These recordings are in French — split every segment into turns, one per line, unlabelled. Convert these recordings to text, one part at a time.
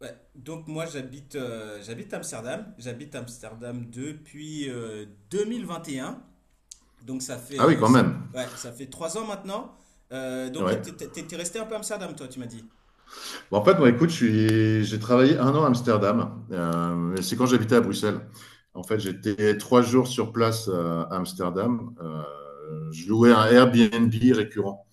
Ouais, donc moi j'habite Amsterdam depuis 2021, donc
Ah oui, quand même.
ouais, ça fait 3 ans maintenant. Donc
Ouais.
t'es resté un peu à Amsterdam toi tu m'as dit.
Bon, en fait, moi, écoute, j'ai travaillé un an à Amsterdam. Mais c'est quand j'habitais à Bruxelles. En fait, j'étais 3 jours sur place à Amsterdam. Je louais un Airbnb récurrent.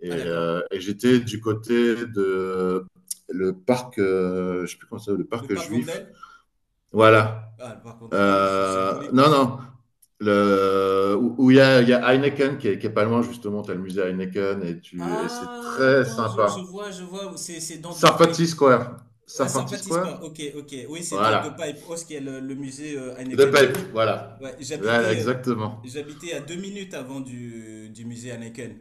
Et,
Ah d'accord.
euh, et j'étais du côté de le parc, je sais plus comment ça s'appelle, le
Le
parc
parc
juif.
Vondel?
Voilà.
Ah le parc Vondel. Ah oui, c'est un joli coin
Non,
ça.
non. Où il y a Heineken qui est pas loin, justement. Tu as le musée Heineken et c'est
Ah
très
attends, je, je
sympa.
vois je vois c'est dans The Pipe.
Sarfati Square.
Ah c'est en
Sarfati
Baptiste quoi.
Square.
Ok, ok, oui, c'est de The
Voilà.
Pipe House qui est le, musée
The
Heineken. Bah
Pipe,
oui.
voilà.
Ouais,
Voilà, exactement.
j'habitais à 2 minutes avant du musée Heineken.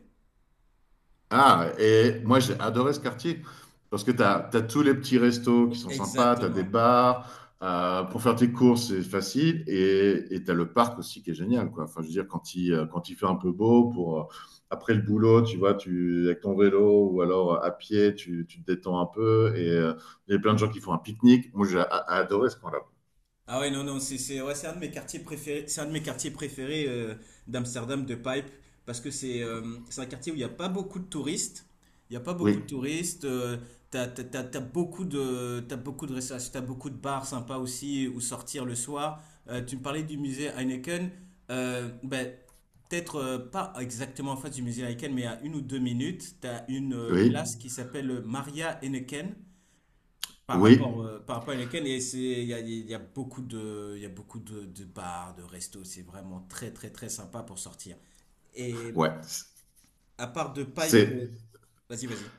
Ah, et moi, j'ai adoré ce quartier parce que tu as tous les petits restos qui sont sympas, tu as des
Exactement.
bars, pour faire tes courses, c'est facile. Et tu as le parc aussi qui est génial, quoi. Enfin, je veux dire, quand il fait un peu beau, pour, après le boulot, tu vois, avec ton vélo ou alors à pied, tu te détends un peu. Et il y a plein de gens qui font un pique-nique. Moi, j'ai adoré ce coin-là.
Ah ouais, non, non, ouais, c'est un de mes quartiers préférés, d'Amsterdam, de Pipe, parce que c'est un quartier où il n'y a pas beaucoup de touristes. Il n'y a pas beaucoup
Oui,
de touristes. T'as beaucoup de restauration, t'as beaucoup de bars sympas aussi où sortir le soir. Tu me parlais du musée Heineken. Ben, peut-être pas exactement en face du musée Heineken, mais à 1 ou 2 minutes, t'as une
oui.
place qui s'appelle Maria Heineken. Par
Oui,
rapport, euh, par rapport à lesquels, et c'est, il y a beaucoup de bars, de restos, c'est vraiment très très très sympa pour sortir. Et
ouais.
à part de pipe,
C'est
vas-y vas-y.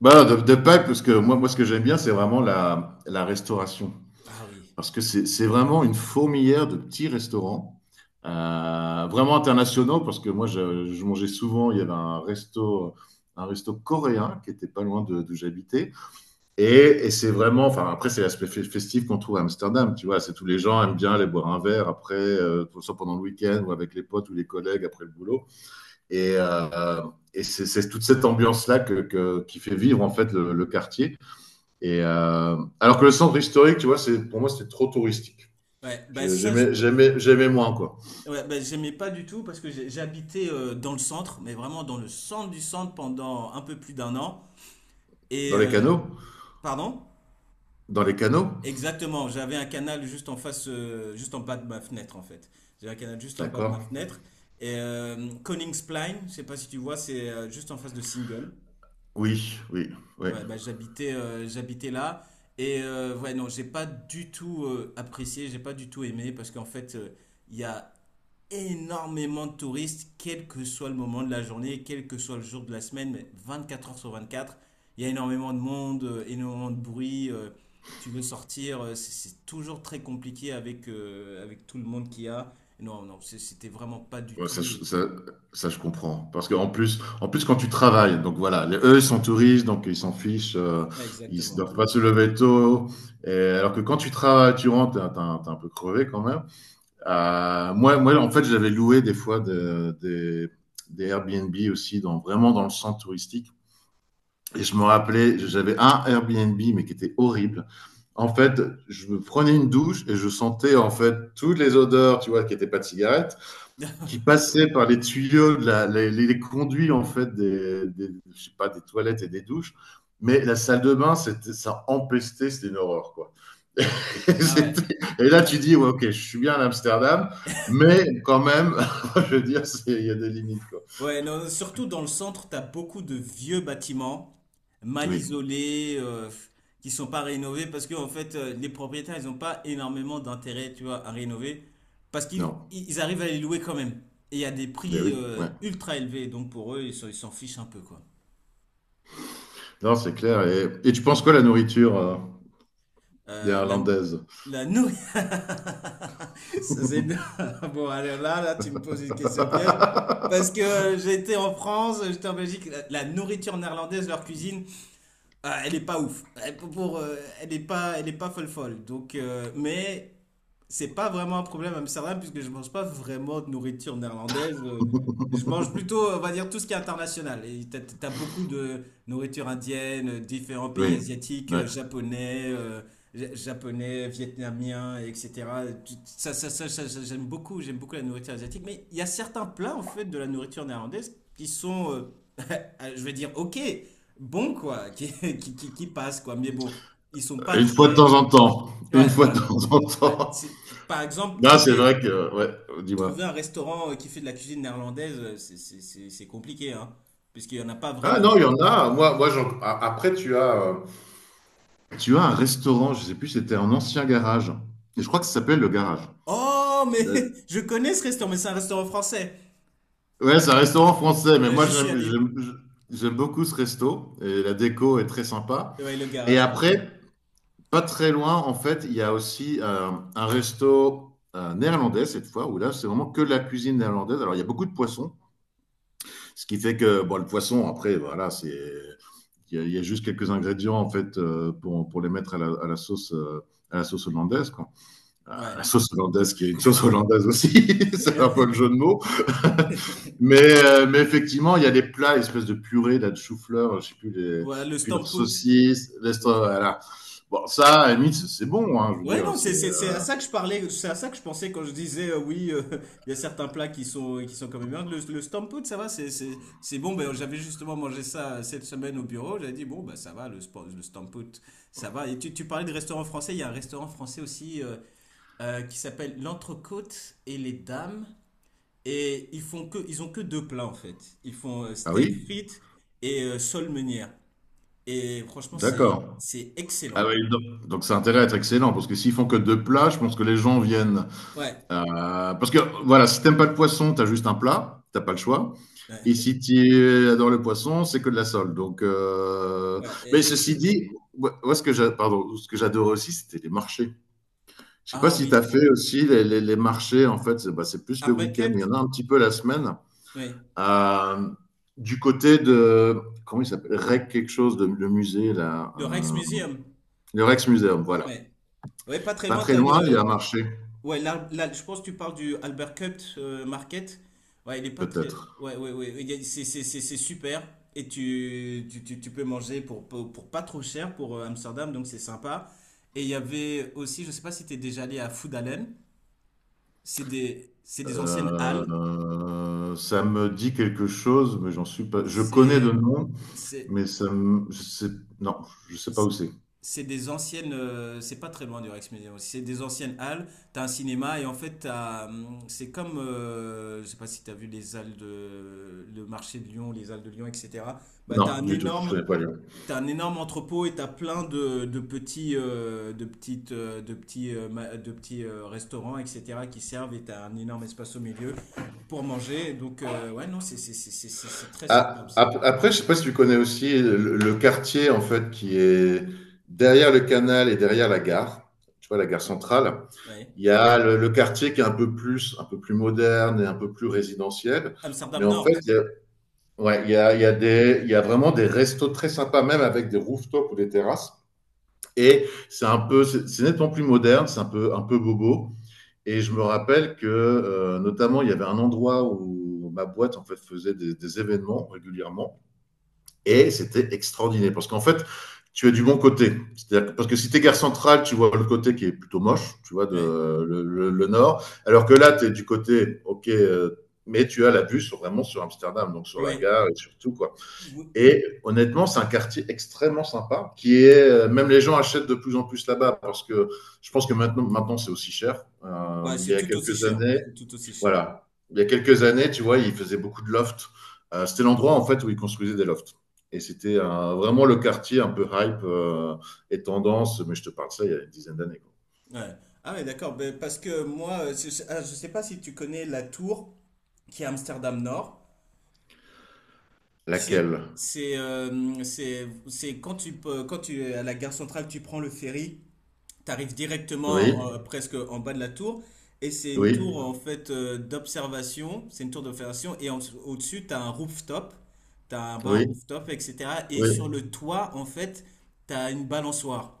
bah, de Pâques, parce que moi, ce que j'aime bien, c'est vraiment la restauration.
Ah oui.
Parce que c'est vraiment une fourmilière de petits restaurants, vraiment internationaux, parce que moi, je mangeais souvent, il y avait un resto coréen qui était pas loin d'où j'habitais. Et, et c'est vraiment, enfin, après, c'est l'aspect festif qu'on trouve à Amsterdam, tu vois. C'est tous les gens aiment bien aller boire un verre après, pour ça pendant le week-end ou avec les potes ou les collègues après le boulot. Et, euh, et c'est toute cette ambiance-là qui fait vivre en fait le quartier. Et alors que le centre historique, tu vois, pour moi c'était trop touristique.
Ouais, bah ça je peux.
J'aimais moins, quoi.
Ouais, bah, j'aimais pas du tout parce que j'habitais dans le centre, mais vraiment dans le centre du centre pendant un peu plus d'un an.
Dans
Et
les
euh,
canaux,
Pardon?
dans les canaux,
Exactement, j'avais un canal juste en face, juste en bas de ma fenêtre en fait. J'avais un canal juste en bas de ma
d'accord.
fenêtre. Et Koningsplein, je sais pas si tu vois, c'est juste en face de Single.
Oui, oui, oui.
Ouais, bah, j'habitais là. Et ouais, non, j'ai pas du tout aimé parce qu'en fait, il y a énormément de touristes, quel que soit le moment de la journée, quel que soit le jour de la semaine, mais 24 heures sur 24, il y a énormément de monde, énormément de bruit. Tu veux sortir, c'est toujours très compliqué avec tout le monde qu'il y a. Non, non, c'était vraiment pas du
Ouais, ça,
tout.
je- ça, ça, je comprends. Parce qu'en plus quand tu travailles, donc voilà, eux ils sont touristes, donc ils s'en fichent, ils ne
Exactement.
doivent pas se lever tôt. Et alors que quand tu travailles, tu rentres, t'es un peu crevé quand même. Moi, en fait, j'avais loué des fois des Airbnb aussi, dans, vraiment dans le centre touristique. Et je me rappelais, j'avais un Airbnb, mais qui était horrible. En fait, je prenais une douche et je sentais en fait toutes les odeurs, tu vois, qui n'étaient pas de cigarettes, qui passaient par les tuyaux, de la- les conduits en fait je sais pas, des toilettes et des douches. Mais la salle de bain, ça empestait, c'était une horreur, quoi.
Ah ouais.
Et là,
Ah
tu dis, ouais, ok, je suis bien à Amsterdam, mais quand même, je veux dire, il y a des limites, quoi.
ouais, non, surtout dans le centre, t'as beaucoup de vieux bâtiments mal
Oui,
isolés, qui sont pas rénovés parce que en fait, les propriétaires, ils ont pas énormément d'intérêt, tu vois, à rénover parce qu'ils
non,
ils arrivent à les louer quand même. Et il y a des
mais
prix
oui, ouais.
ultra élevés, donc pour eux, ils s'en fichent un peu, quoi.
Non, c'est clair. Et tu penses quoi la nourriture
Euh, la
néerlandaise?
la nou- Ça, c'est énorme. Bon, alors là, là, tu me poses une question piège. Parce que j'étais en France, j'étais en Belgique, la nourriture néerlandaise, leur cuisine, ah, elle est pas ouf. Elle est pas folle folle. Donc, mais c'est pas vraiment un problème à Amsterdam puisque je mange pas vraiment de nourriture néerlandaise. Je mange plutôt, on va dire, tout ce qui est international. Et t'as beaucoup de nourriture indienne, différents pays
Oui,
asiatiques,
ouais.
japonais, vietnamien, etc. J'aime beaucoup la nourriture asiatique. Mais il y a certains plats en fait de la nourriture néerlandaise qui sont, je vais dire, ok bon quoi, qui passent, quoi. Mais bon, ils sont pas
Une fois de temps
très...
en temps. Une
Ouais,
fois de
voilà.
temps en
Ouais.
temps.
Par exemple,
Là c'est vrai que, ouais,
trouver
dis-moi.
un restaurant qui fait de la cuisine néerlandaise, c'est compliqué, hein, puisqu'il y en a pas
Ah non,
vraiment.
il y en a. Moi, après, tu as un restaurant, je sais plus, si c'était un ancien garage. Et je crois que ça s'appelle le garage.
Oh,
Da-
mais je connais ce restaurant, mais c'est un restaurant français.
Ouais, c'est un restaurant français, mais moi
J'y suis
j'aime
allé.
j'aime- j'aime beaucoup ce resto et la déco est très sympa.
Ouais, le
Et
garage, je m'en rappelle.
après, pas très loin, en fait, il y a aussi un resto néerlandais cette fois, où là c'est vraiment que de la cuisine néerlandaise. Alors il y a beaucoup de poissons, ce qui fait que bon, le poisson, après, voilà, c'est il y a juste quelques ingrédients en fait pour les mettre à la sauce à la sauce hollandaise, quoi. La
Ouais.
sauce hollandaise qui est une sauce hollandaise aussi, c'est un peu le jeu de mots. Mais effectivement, il y a des plats, espèce de purée, là, de chou-fleur, je sais plus,
Voilà, le
et puis leurs
Stamppot.
saucisses, voilà. Bon, ça, à la limite, c'est bon, hein, je veux
Ouais,
dire.
non,
C'est
c'est à ça que je parlais, c'est à ça que je pensais quand je disais oui, il y a certains plats qui sont quand même bien. Le stampout, ça va, c'est bon. Ben j'avais justement mangé ça cette semaine au bureau. J'avais dit bon bah ça va, le stampout, ça va. Et tu parlais de restaurant français. Il y a un restaurant français aussi qui s'appelle l'Entrecôte et les Dames. Et ils ont que deux plats en fait. Ils font
Ah
steak
oui.
frites et sole meunière. Et franchement, c'est
D'accord.
c'est excellent.
Ah oui, donc ça a intérêt à être excellent, parce que s'ils font que deux plats, je pense que les gens viennent.
Ouais,
Parce que voilà, si t'aimes pas le poisson, t'as juste un plat, t'as pas le choix.
ouais,
Et si tu adores le poisson, c'est que de la sole. Donc,
ouais.
mais
Et
ceci
si
dit, moi, ce que pardon, ce que j'adorais aussi, c'était les marchés. Je sais pas
Ah
si tu
oui.
as fait aussi les marchés. En fait, c'est bah, c'est plus
À
le week-end.
Bucket,
Il y en a un petit peu la semaine.
oui.
Euh, du côté de comment il s'appelle? Rec quelque chose de le musée là.
Le Rijksmuseum.
Le Rex Museum. Voilà.
Ouais. Ouais, pas très
Pas
loin,
très
t'as
loin, il y a
le.
un marché,
Ouais, là, là, je pense que tu parles du Albert Cupt Market. Ouais, il est pas très.
peut-être.
Ouais, ouais, ouais. C'est super. Et tu peux manger pour pas trop cher pour Amsterdam, donc c'est sympa. Et il y avait aussi, je sais pas si t'es déjà allé à Foodalen. C'est des anciennes halles.
Ça me dit quelque chose, mais j'en suis pas. Je connais de
C'est.
nom,
C'est.
mais ça me... je sais... non, je sais pas où c'est.
C'est des anciennes. C'est pas très loin du Rex Museum aussi. C'est des anciennes halles. T'as un cinéma et en fait, c'est comme. Je sais pas si t'as vu les halles de. Le marché de Lyon, les halles de Lyon, etc. Bah, t'as
Non,
un
du tout, je
énorme.
connais pas Lyon.
T'as un énorme entrepôt et t'as plein de de petits restaurants, etc. qui servent et t'as un énorme espace au milieu pour manger. Donc, ouais, non, c'est très sympa
Ah,
aussi.
après, je sais pas si tu connais aussi le quartier en fait qui est derrière le canal et derrière la gare. Tu vois, la gare centrale.
Ouais.
Il y a le quartier qui est un peu plus moderne et un peu plus résidentiel. Mais
Amsterdam
en fait,
Nord.
ouais, il y a vraiment des restos très sympas, même avec des rooftops ou des terrasses. Et c'est nettement plus moderne, c'est un peu bobo. Et je me rappelle que, notamment, il y avait un endroit où ma boîte en fait faisait des événements régulièrement, et c'était extraordinaire parce qu'en fait, tu as du bon côté. C'est-à-dire parce que si tu es gare centrale, tu vois le côté qui est plutôt moche, tu vois,
Ouais.
le nord. Alors que là, tu es du côté, ok, mais tu as la vue sur, vraiment sur Amsterdam, donc sur la
Ouais.
gare et sur tout, quoi. Et honnêtement, c'est un quartier extrêmement sympa, qui est même les gens achètent de plus en plus là-bas parce que je pense que maintenant c'est aussi cher.
Ouais, c'est
Mais il y a
tout aussi
quelques
cher.
années,
C'est tout aussi cher.
voilà, il y a quelques années, tu vois, ils faisaient beaucoup de lofts. C'était l'endroit en fait où ils construisaient des lofts. Et c'était vraiment le quartier un peu hype et tendance, mais je te parle de ça il y a une dizaine d'années, quoi.
Ouais. Ah ouais, d'accord. Ben, parce que moi, je sais pas si tu connais la tour qui est à Amsterdam Nord. C'est
Laquelle?
c'est euh, c'est c'est quand tu es à la gare centrale, tu prends le ferry, tu arrives directement
Oui,
presque en bas de la tour. Et c'est une
oui,
tour en fait d'observation. C'est une tour d'observation et au-dessus tu as un rooftop, t'as un
oui,
bar rooftop, etc. Et
oui.
sur le toit en fait, t'as une balançoire.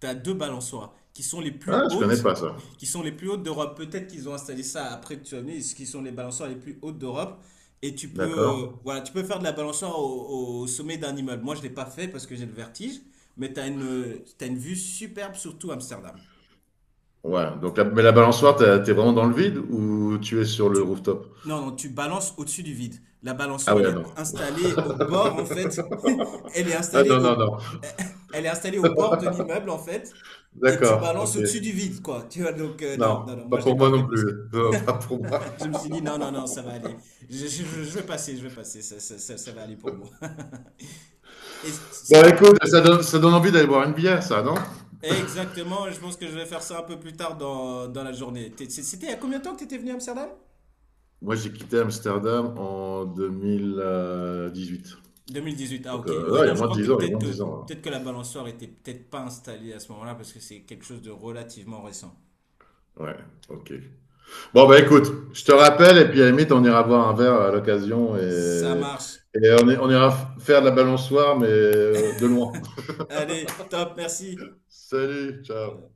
T'as deux balançoires qui sont les plus
Ah, je connais
hautes,
pas ça.
qui sont les plus hautes d'Europe. Peut-être qu'ils ont installé ça après, tu vas me dire, ce qui sont les balançoires les plus hautes d'Europe. Et
D'accord.
voilà, tu peux faire de la balançoire au sommet d'un immeuble. Moi, je ne l'ai pas fait parce que j'ai le vertige, mais t'as une vue superbe sur tout Amsterdam.
Ouais, donc mais la balançoire, t'es vraiment dans le vide ou tu es sur le
Tu...
rooftop?
Non, non, tu balances au-dessus du vide. La
Ah
balançoire, elle
ouais,
est
non.
installée au bord, en fait. Elle est
Ah
installée
non, non,
au...
non.
Elle est installée au bord de l'immeuble, en fait. Et tu
D'accord,
balances
ok.
au-dessus du vide, quoi. Tu vois, donc, non, non, non,
Non, pas
moi, je l'ai
pour moi
pas fait
non
parce
plus.
que
Non, pas pour moi.
je me suis dit, non, non, non, ça va aller. Je vais passer, je vais passer. Ça va aller pour moi. Et
Bon,
c'était quand?
écoute, ça donne envie d'aller boire une bière, ça, non?
Exactement, je pense que je vais faire ça un peu plus tard dans la journée. C'était il y a combien de temps que tu étais venu à Amsterdam?
Moi, j'ai quitté Amsterdam en 2018.
2018, ah
Donc,
ok. Ouais,
ah, il y
non,
a
je
moins de
crois que
10 ans, il y a moins de 10 ans,
peut-être que la balançoire était peut-être pas installée à ce moment-là parce que c'est quelque chose de relativement récent.
hein. Ouais, ok. Bon, bah écoute, je te rappelle, et puis à la limite, on ira boire un verre à l'occasion
Ça
et,
marche.
et on ira faire de la balançoire, mais de loin.
Allez, top, merci.
Salut, ciao.